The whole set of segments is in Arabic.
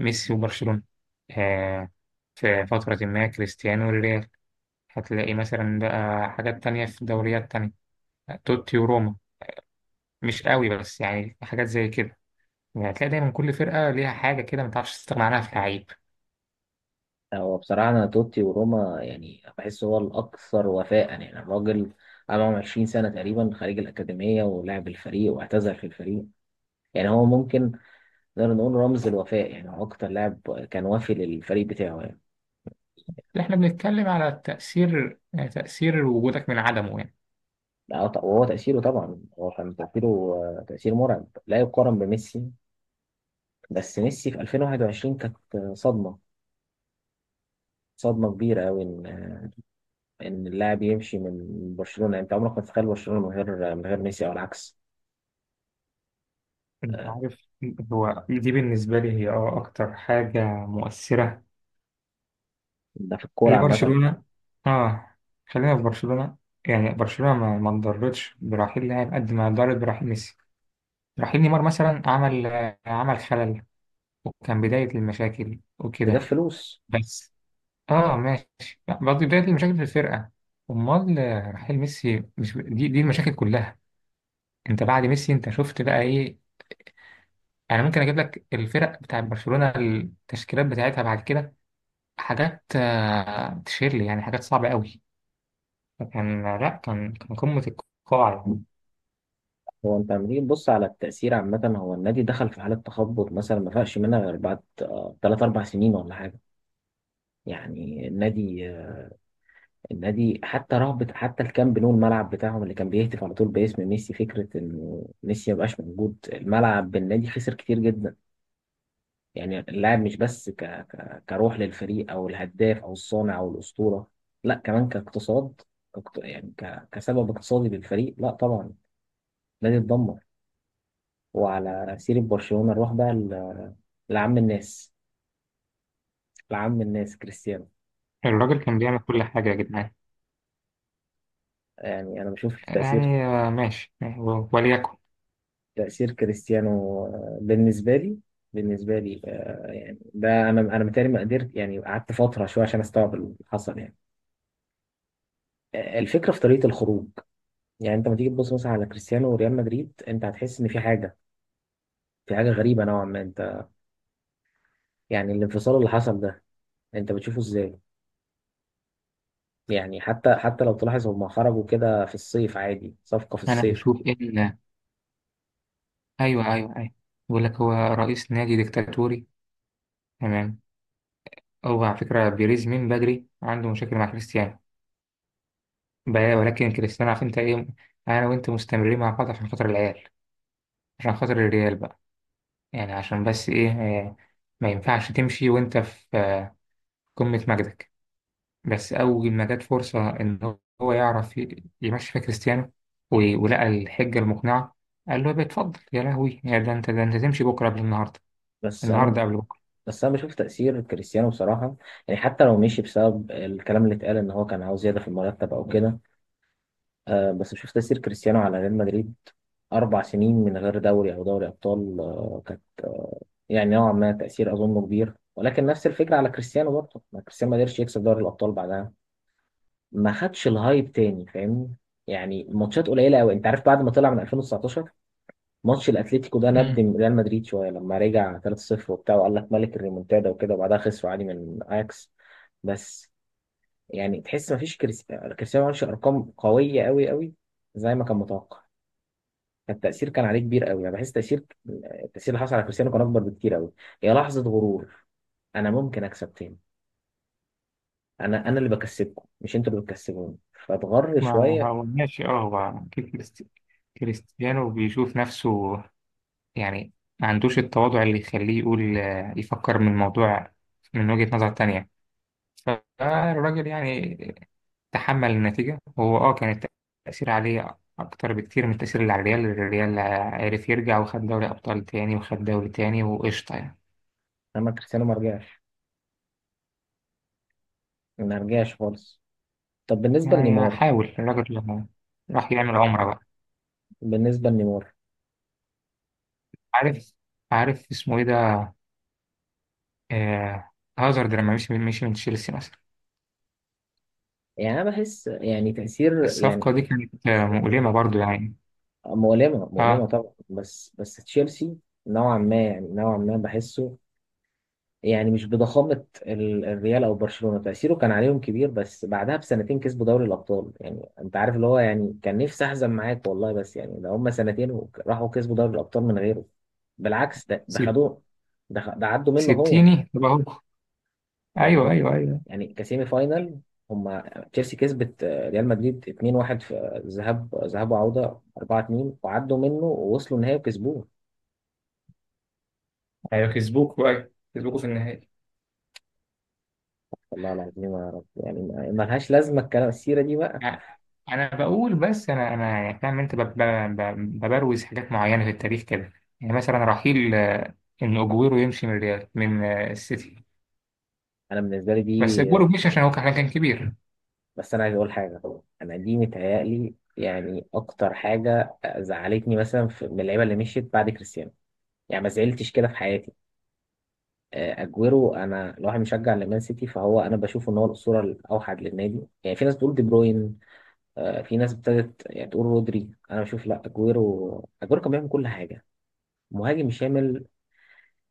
ميسي وبرشلونة. آه، في فترة ما كريستيانو والريال. هتلاقي مثلا بقى حاجات تانية في دوريات تانية، توتي وروما، مش قوي بس يعني حاجات زي كده. يعني هتلاقي دايما كل فرقة ليها حاجة كده ما تعرفش تستغنى عنها في لعيب. هو بصراحة أنا توتي وروما يعني بحس هو الأكثر وفاء، يعني الراجل قعد معاهم 20 سنة تقريبا خارج الأكاديمية ولعب الفريق واعتزل في الفريق. يعني هو ممكن نقدر نقول رمز الوفاء، يعني هو أكتر لاعب كان وافي للفريق بتاعه يعني. احنا بنتكلم على تأثير، تأثير وجودك من عدمه يعني. لا وهو تأثيره طبعا، هو كان تأثيره تأثير مرعب لا يقارن بميسي. بس ميسي في 2021 كانت صدمة، صدمة كبيرة أوي إن إن اللاعب يمشي من برشلونة. يعني أنت عمرك ما تتخيل برشلونة من غير من غير ميسي أو العكس. انت آه، عارف، هو دي بالنسبة لي هي اه أكتر حاجة مؤثرة ده في الكورة عامة. لبرشلونة. اه، خلينا في برشلونة. يعني برشلونة ما انضرتش برحيل لاعب قد ما انضرت برحيل ميسي. رحيل نيمار مثلا عمل، عمل خلل، وكان بداية المشاكل جاب وكده. فلوس. بس اه ماشي، برضه بداية المشاكل في الفرقة. امال رحيل ميسي مش دي المشاكل كلها؟ انت بعد ميسي انت شفت بقى ايه؟ انا ممكن اجيب لك الفرق بتاع برشلونة، التشكيلات بتاعتها بعد كده، حاجات تشير لي، يعني حاجات صعبة قوي. فكان لا كان قمة القاع يعني. هو انت لما تيجي تبص على التأثير عامة، هو النادي دخل في حالة تخبط مثلا ما فاقش منها غير بعد تلات أربع سنين ولا حاجة. يعني النادي النادي حتى رهبة، حتى الكامب نو الملعب بتاعهم اللي كان بيهتف على طول باسم ميسي، فكرة إنه ميسي مبقاش موجود الملعب بالنادي خسر كتير جدا. يعني اللاعب مش بس كروح للفريق أو الهداف أو الصانع أو الأسطورة، لا كمان كاقتصاد، كسبب اقتصادي للفريق. لا طبعا النادي اتدمر. وعلى سيرة برشلونة نروح بقى لعم الناس، لعم الناس كريستيانو. الراجل كان بيعمل كل حاجة يا جدعان. يعني أنا بشوف تأثير، يعني ماشي يعني، وليكن. تأثير كريستيانو بالنسبة لي. بالنسبة لي يعني ده أنا متهيألي ما قدرت، يعني قعدت فترة شوية عشان أستوعب اللي حصل يعني. الفكرة في طريقة الخروج. يعني أنت لما تيجي تبص مثلا على كريستيانو وريال مدريد أنت هتحس إن في حاجة، في حاجة غريبة نوعا ما. أنت يعني الانفصال اللي حصل ده أنت بتشوفه إزاي؟ يعني حتى لو تلاحظ هما خرجوا كده في الصيف، عادي صفقة في انا الصيف. بشوف ان، ايوه ايوه ايوه، بيقول لك هو رئيس نادي ديكتاتوري. تمام. هو على فكره بيريز من بدري عنده مشاكل مع كريستيانو. ولكن كريستيانو، عارف انت ايه، انا وانت مستمرين مع بعض عشان خاطر العيال، عشان خاطر الريال بقى. يعني عشان بس ايه، ما ينفعش تمشي وانت في، قمه مجدك. بس اول ما جت فرصه ان هو يعرف يمشي فيها كريستيانو، ولقى الحجه المقنعه، قال له يا بيه اتفضل، يا لهوي يا ده انت ده انت تمشي بكره قبل النهارده، بس انا النهارده قبل بس انا بشوف تأثير كريستيانو بصراحة. يعني حتى لو مشي بسبب الكلام اللي اتقال ان هو كان عاوز زيادة في المرتب او كده، آه بس بشوف تأثير كريستيانو على ريال مدريد. اربع سنين من غير دوري او دوري ابطال، آه كانت آه يعني نوعا ما تأثير اظنه كبير. ولكن نفس الفكرة على كريستيانو برضه، ما كريستيانو ما قدرش يكسب دوري الابطال بعدها، ما خدش الهايب تاني، فاهمني؟ يعني ماتشات قليلة قوي انت عارف، بعد ما طلع من 2019 ماتش الاتليتيكو ده بكره. ندم ريال مدريد شويه لما رجع 3-0 وبتاع، وقال لك ملك الريمونتادا وكده، وبعدها خسروا عادي من اياكس. بس يعني تحس مفيش كريستيانو ما عملش ارقام قويه قوي قوي زي ما كان متوقع. فالتاثير كان عليه كبير قوي، انا بحس تاثير، التاثير اللي حصل على كريستيانو كان اكبر بكتير قوي. هي لحظه غرور، انا ممكن اكسب تاني، انا اللي بكسبكم مش انتوا اللي بتكسبوني، فاتغر ما شويه. هو ماشي، اه هو أكيد كريستيانو بيشوف نفسه. يعني ما عندوش التواضع اللي يخليه يقول، يفكر من الموضوع من وجهة نظر تانية. فالراجل يعني تحمل النتيجة، هو اه كان التأثير عليه أكتر بكتير من التأثير اللي على الريال. الريال عرف يرجع وخد دوري أبطال تاني وخد دوري تاني وقشطة يعني. اما كريستيانو ما رجعش، ما رجعش خالص. طب بالنسبه يعني لنيمار، حاول الراجل لما راح يعمل عمرة بقى. بالنسبه لنيمار عارف، عارف اسمه ايه ده، آه، هازارد لما مشي، من تشيلسي مثلا. يعني انا بحس يعني تأثير يعني. الصفقة دي كانت مؤلمة برضو يعني. مؤلمة، مؤلمة اه. طبعا، بس تشيلسي نوعا ما، يعني نوعا ما بحسه. يعني مش بضخامة الريال او برشلونة، تأثيره كان عليهم كبير بس بعدها بسنتين كسبوا دوري الابطال. يعني انت عارف اللي هو يعني كان نفسي احزن معاك والله، بس يعني ده هم سنتين وراحوا كسبوا دوري الابطال من غيره. بالعكس ده ده سيب، خدوه، ده عدوا منه هو. سبتيني طب اهو. يعني ايوه هو ايوه ايوه يعني كسيمي فاينال، هما تشيلسي كسبت ريال مدريد 2-1 في ذهاب، ذهاب وعودة 4-2، وعدوا منه ووصلوا النهائي وكسبوه. ايوه، كسبوك بقى، كسبوكوا في النهائي. والله العظيم يا رب، يعني ما ما لهاش لازمة الكلام السيرة دي بقى. يعني انا بقول بس، انا انا يعني فاهم انت ببروز حاجات معينة في التاريخ كده. يعني مثلا رحيل ان اجويرو يمشي من ريال من السيتي. أنا بالنسبة لي بس دي، اجويرو مش عشان هو كان كبير. بس أنا عايز أقول حاجة. أنا دي متهيألي يعني أكتر حاجة زعلتني مثلا في من اللعيبة اللي مشيت بعد كريستيانو، يعني ما زعلتش كده في حياتي. اجويرو، انا لو واحد مشجع لمان سيتي فهو انا بشوف ان هو الاسطوره الاوحد للنادي. يعني في ناس بتقول دي بروين، في ناس ابتدت يعني تقول رودري، انا بشوف لا، اجويرو، اجويرو كان بيعمل كل حاجه. مهاجم شامل،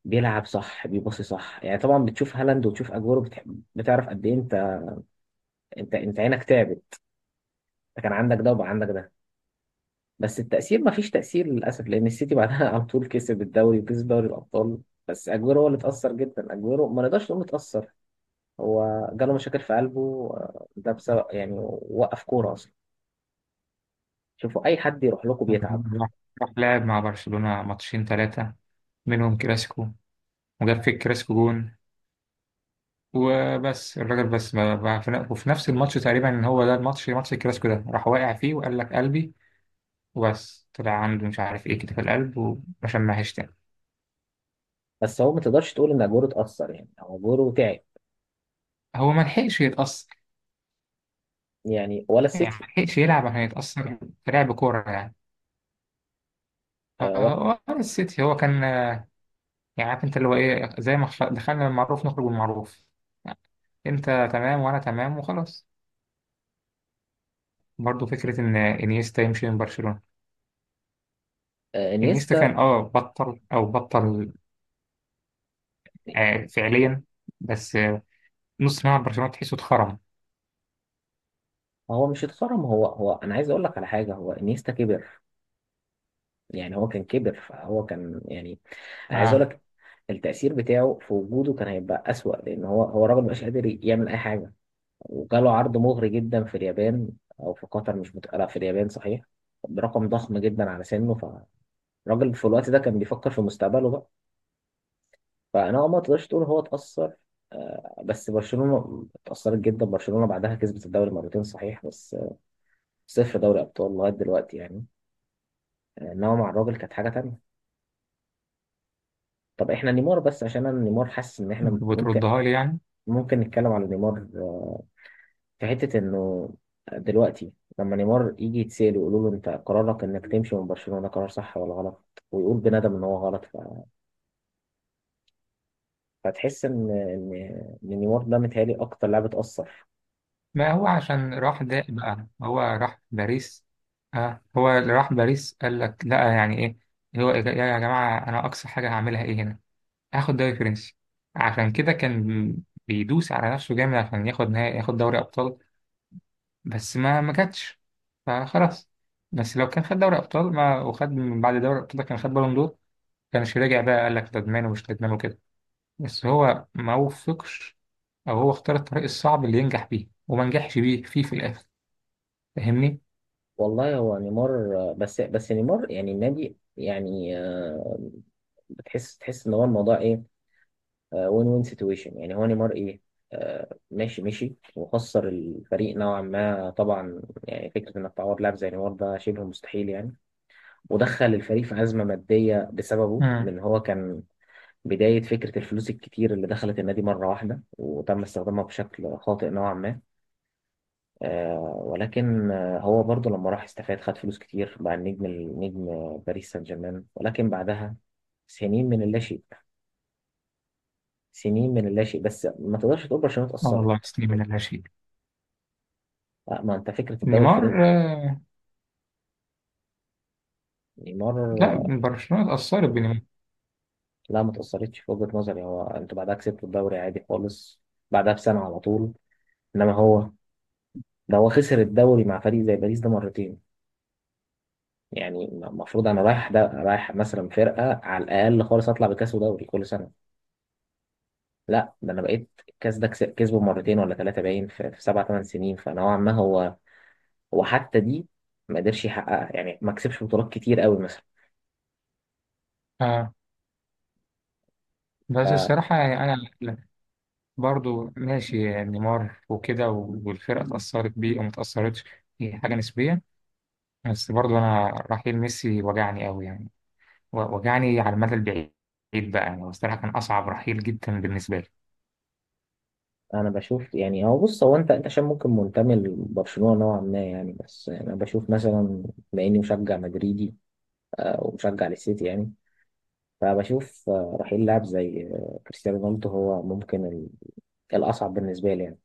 بيلعب صح، بيباصي صح. يعني طبعا بتشوف هالاند وتشوف اجويرو بتعرف قد ايه انت، انت عينك تعبت. انت كان عندك ده وبقى عندك ده. بس التأثير ما فيش تأثير للأسف، لأن السيتي بعدها على طول كسب الدوري وكسب دوري الأبطال. بس أجويرو هو اللي اتأثر جدا. أجويرو ما نقدرش نقول اتأثر، هو جاله مشاكل في قلبه ده بسبب يعني، وقف كورة أصلا. شوفوا أي حد يروح لكم بيتعب. راح، راح لعب مع برشلونة ماتشين ثلاثة، منهم كلاسيكو، وجاب في الكلاسيكو جون. وبس الراجل بس في وفي نفس الماتش تقريبا، ان هو ده الماتش، ماتش الكلاسيكو ده، راح واقع فيه وقال لك قلبي. وبس طلع عنده مش عارف ايه كده في القلب، وعشان ما تاني. بس هو ما تقدرش تقول ان اجوره اتاثر، يعني هو اجوره تعب، هو ما لحقش يتأثر، يعني ولا يعني السيتي ما لحقش يلعب عشان يتأثر، في لعب كورة يعني. ولا. هو السيتي هو كان، يعني عارف انت اللي هو ايه، زي ما دخلنا المعروف نخرج بالمعروف. انت تمام وانا تمام وخلاص. برضو فكرة ان انيستا يمشي من برشلونة. انيستا كان انيستا، اه بطل او بطل، فعليا. بس نص ملعب برشلونة تحسه اتخرم. هو مش اتخرم، هو انا عايز اقول لك على حاجه، هو انيستا كبر. يعني هو كان كبر فهو كان يعني، عايز اقول اه. لك التأثير بتاعه في وجوده كان هيبقى أسوأ لأن هو الراجل مبقاش قادر يعمل أي حاجة. وجاله عرض مغري جدا في اليابان أو في قطر، مش مت... لا في اليابان صحيح، برقم ضخم جدا على سنه. فالراجل في الوقت ده كان بيفكر في مستقبله بقى. فانا هو ما تقدرش تقول هو اتأثر. بس برشلونة اتأثرت جدا، برشلونة بعدها كسبت الدوري مرتين صحيح بس صفر دوري أبطال لغاية دلوقتي يعني. إنما مع الراجل كانت حاجة تانية. طب إحنا نيمار بس، عشان أنا نيمار حاسس إن انت إحنا ممكن، بتردها لي يعني. ممكن نتكلم عن نيمار. في حتة إنه دلوقتي لما نيمار يجي يتسأل ويقولوا له أنت قرارك إنك تمشي من برشلونة قرار صح ولا غلط، ويقول بندم إن هو غلط. فتحس إن إن نيمار ده متهيألي أكتر لاعب اتأثر. ما هو عشان راح ده بقى، هو راح باريس. اه، هو اللي راح باريس قال لك لا، يعني ايه هو، إيه يا يا جماعة، انا اقصى حاجة هعملها ايه هنا؟ هاخد دوري فرنسي. عشان كده كان بيدوس على نفسه جامد عشان ياخد نهائي، ياخد دوري ابطال. بس ما كانتش، فخلاص. بس لو كان خد دوري ابطال، ما وخد من بعد دوري الابطال ده كان خد بالون دور، كانش راجع بقى قال لك ندمان ومش ندمان وكده. بس هو ما وفقش، او هو اختار الطريق الصعب اللي ينجح بيه وما نجحش بيه فيه في الاخر. فاهمني؟ والله هو نيمار، بس نيمار يعني النادي يعني بتحس، تحس ان هو الموضوع ايه، وين سيتويشن. يعني هو نيمار ايه، ماشي وخسر الفريق نوعا ما طبعا. يعني فكره انك تعوض لاعب زي نيمار ده شبه مستحيل يعني. ودخل الفريق في ازمه ماديه بسببه، امم. لان هو كان بدايه فكره الفلوس الكتير اللي دخلت النادي مره واحده وتم استخدامها بشكل خاطئ نوعا ما. ولكن هو برضه لما راح استفاد، خد فلوس كتير، بقى النجم، النجم باريس سان جيرمان. ولكن بعدها سنين من اللاشيء، سنين من اللاشيء بس ما تقدرش تقول برشلونة اه والله اتأثرت. تسليم من لا شيء. لا ما انت فكرة الدوري الفرنسي، نيمار آه. نيمار. لا، برشلونة اتأثرت بنيمار. لا ما اتأثرتش في وجهة نظري، هو انتوا بعدها كسبتوا الدوري عادي خالص، بعدها بسنة على طول. انما هو ده، هو خسر الدوري مع فريق زي باريس ده مرتين. يعني المفروض انا رايح ده، رايح مثلا فرقة على الاقل خالص اطلع بكاس ودوري كل سنة. لا ده انا بقيت الكاس ده كسبه مرتين ولا ثلاثه باين في, في سبع ثمان سنين، فنوعا ما هو، هو حتى دي ما قدرش يحققها. يعني ما كسبش بطولات كتير قوي مثلا. آه بس فانا الصراحة يعني أنا لا، برضو ماشي يعني نيمار وكده والفرقة اتأثرت بيه وما اتأثرتش، هي حاجة نسبية. بس برضو أنا رحيل ميسي وجعني أوي يعني، وجعني على المدى البعيد بقى. يعني الصراحة كان أصعب رحيل جدا بالنسبة لي. بشوف يعني، هو بص هو انت عشان ممكن منتمي لبرشلونه نوعا ما يعني، بس يعني انا بشوف مثلا، بما اني مشجع مدريدي ومشجع للسيتي يعني، فبشوف رحيل لاعب زي كريستيانو رونالدو هو ممكن الاصعب بالنسبه لي يعني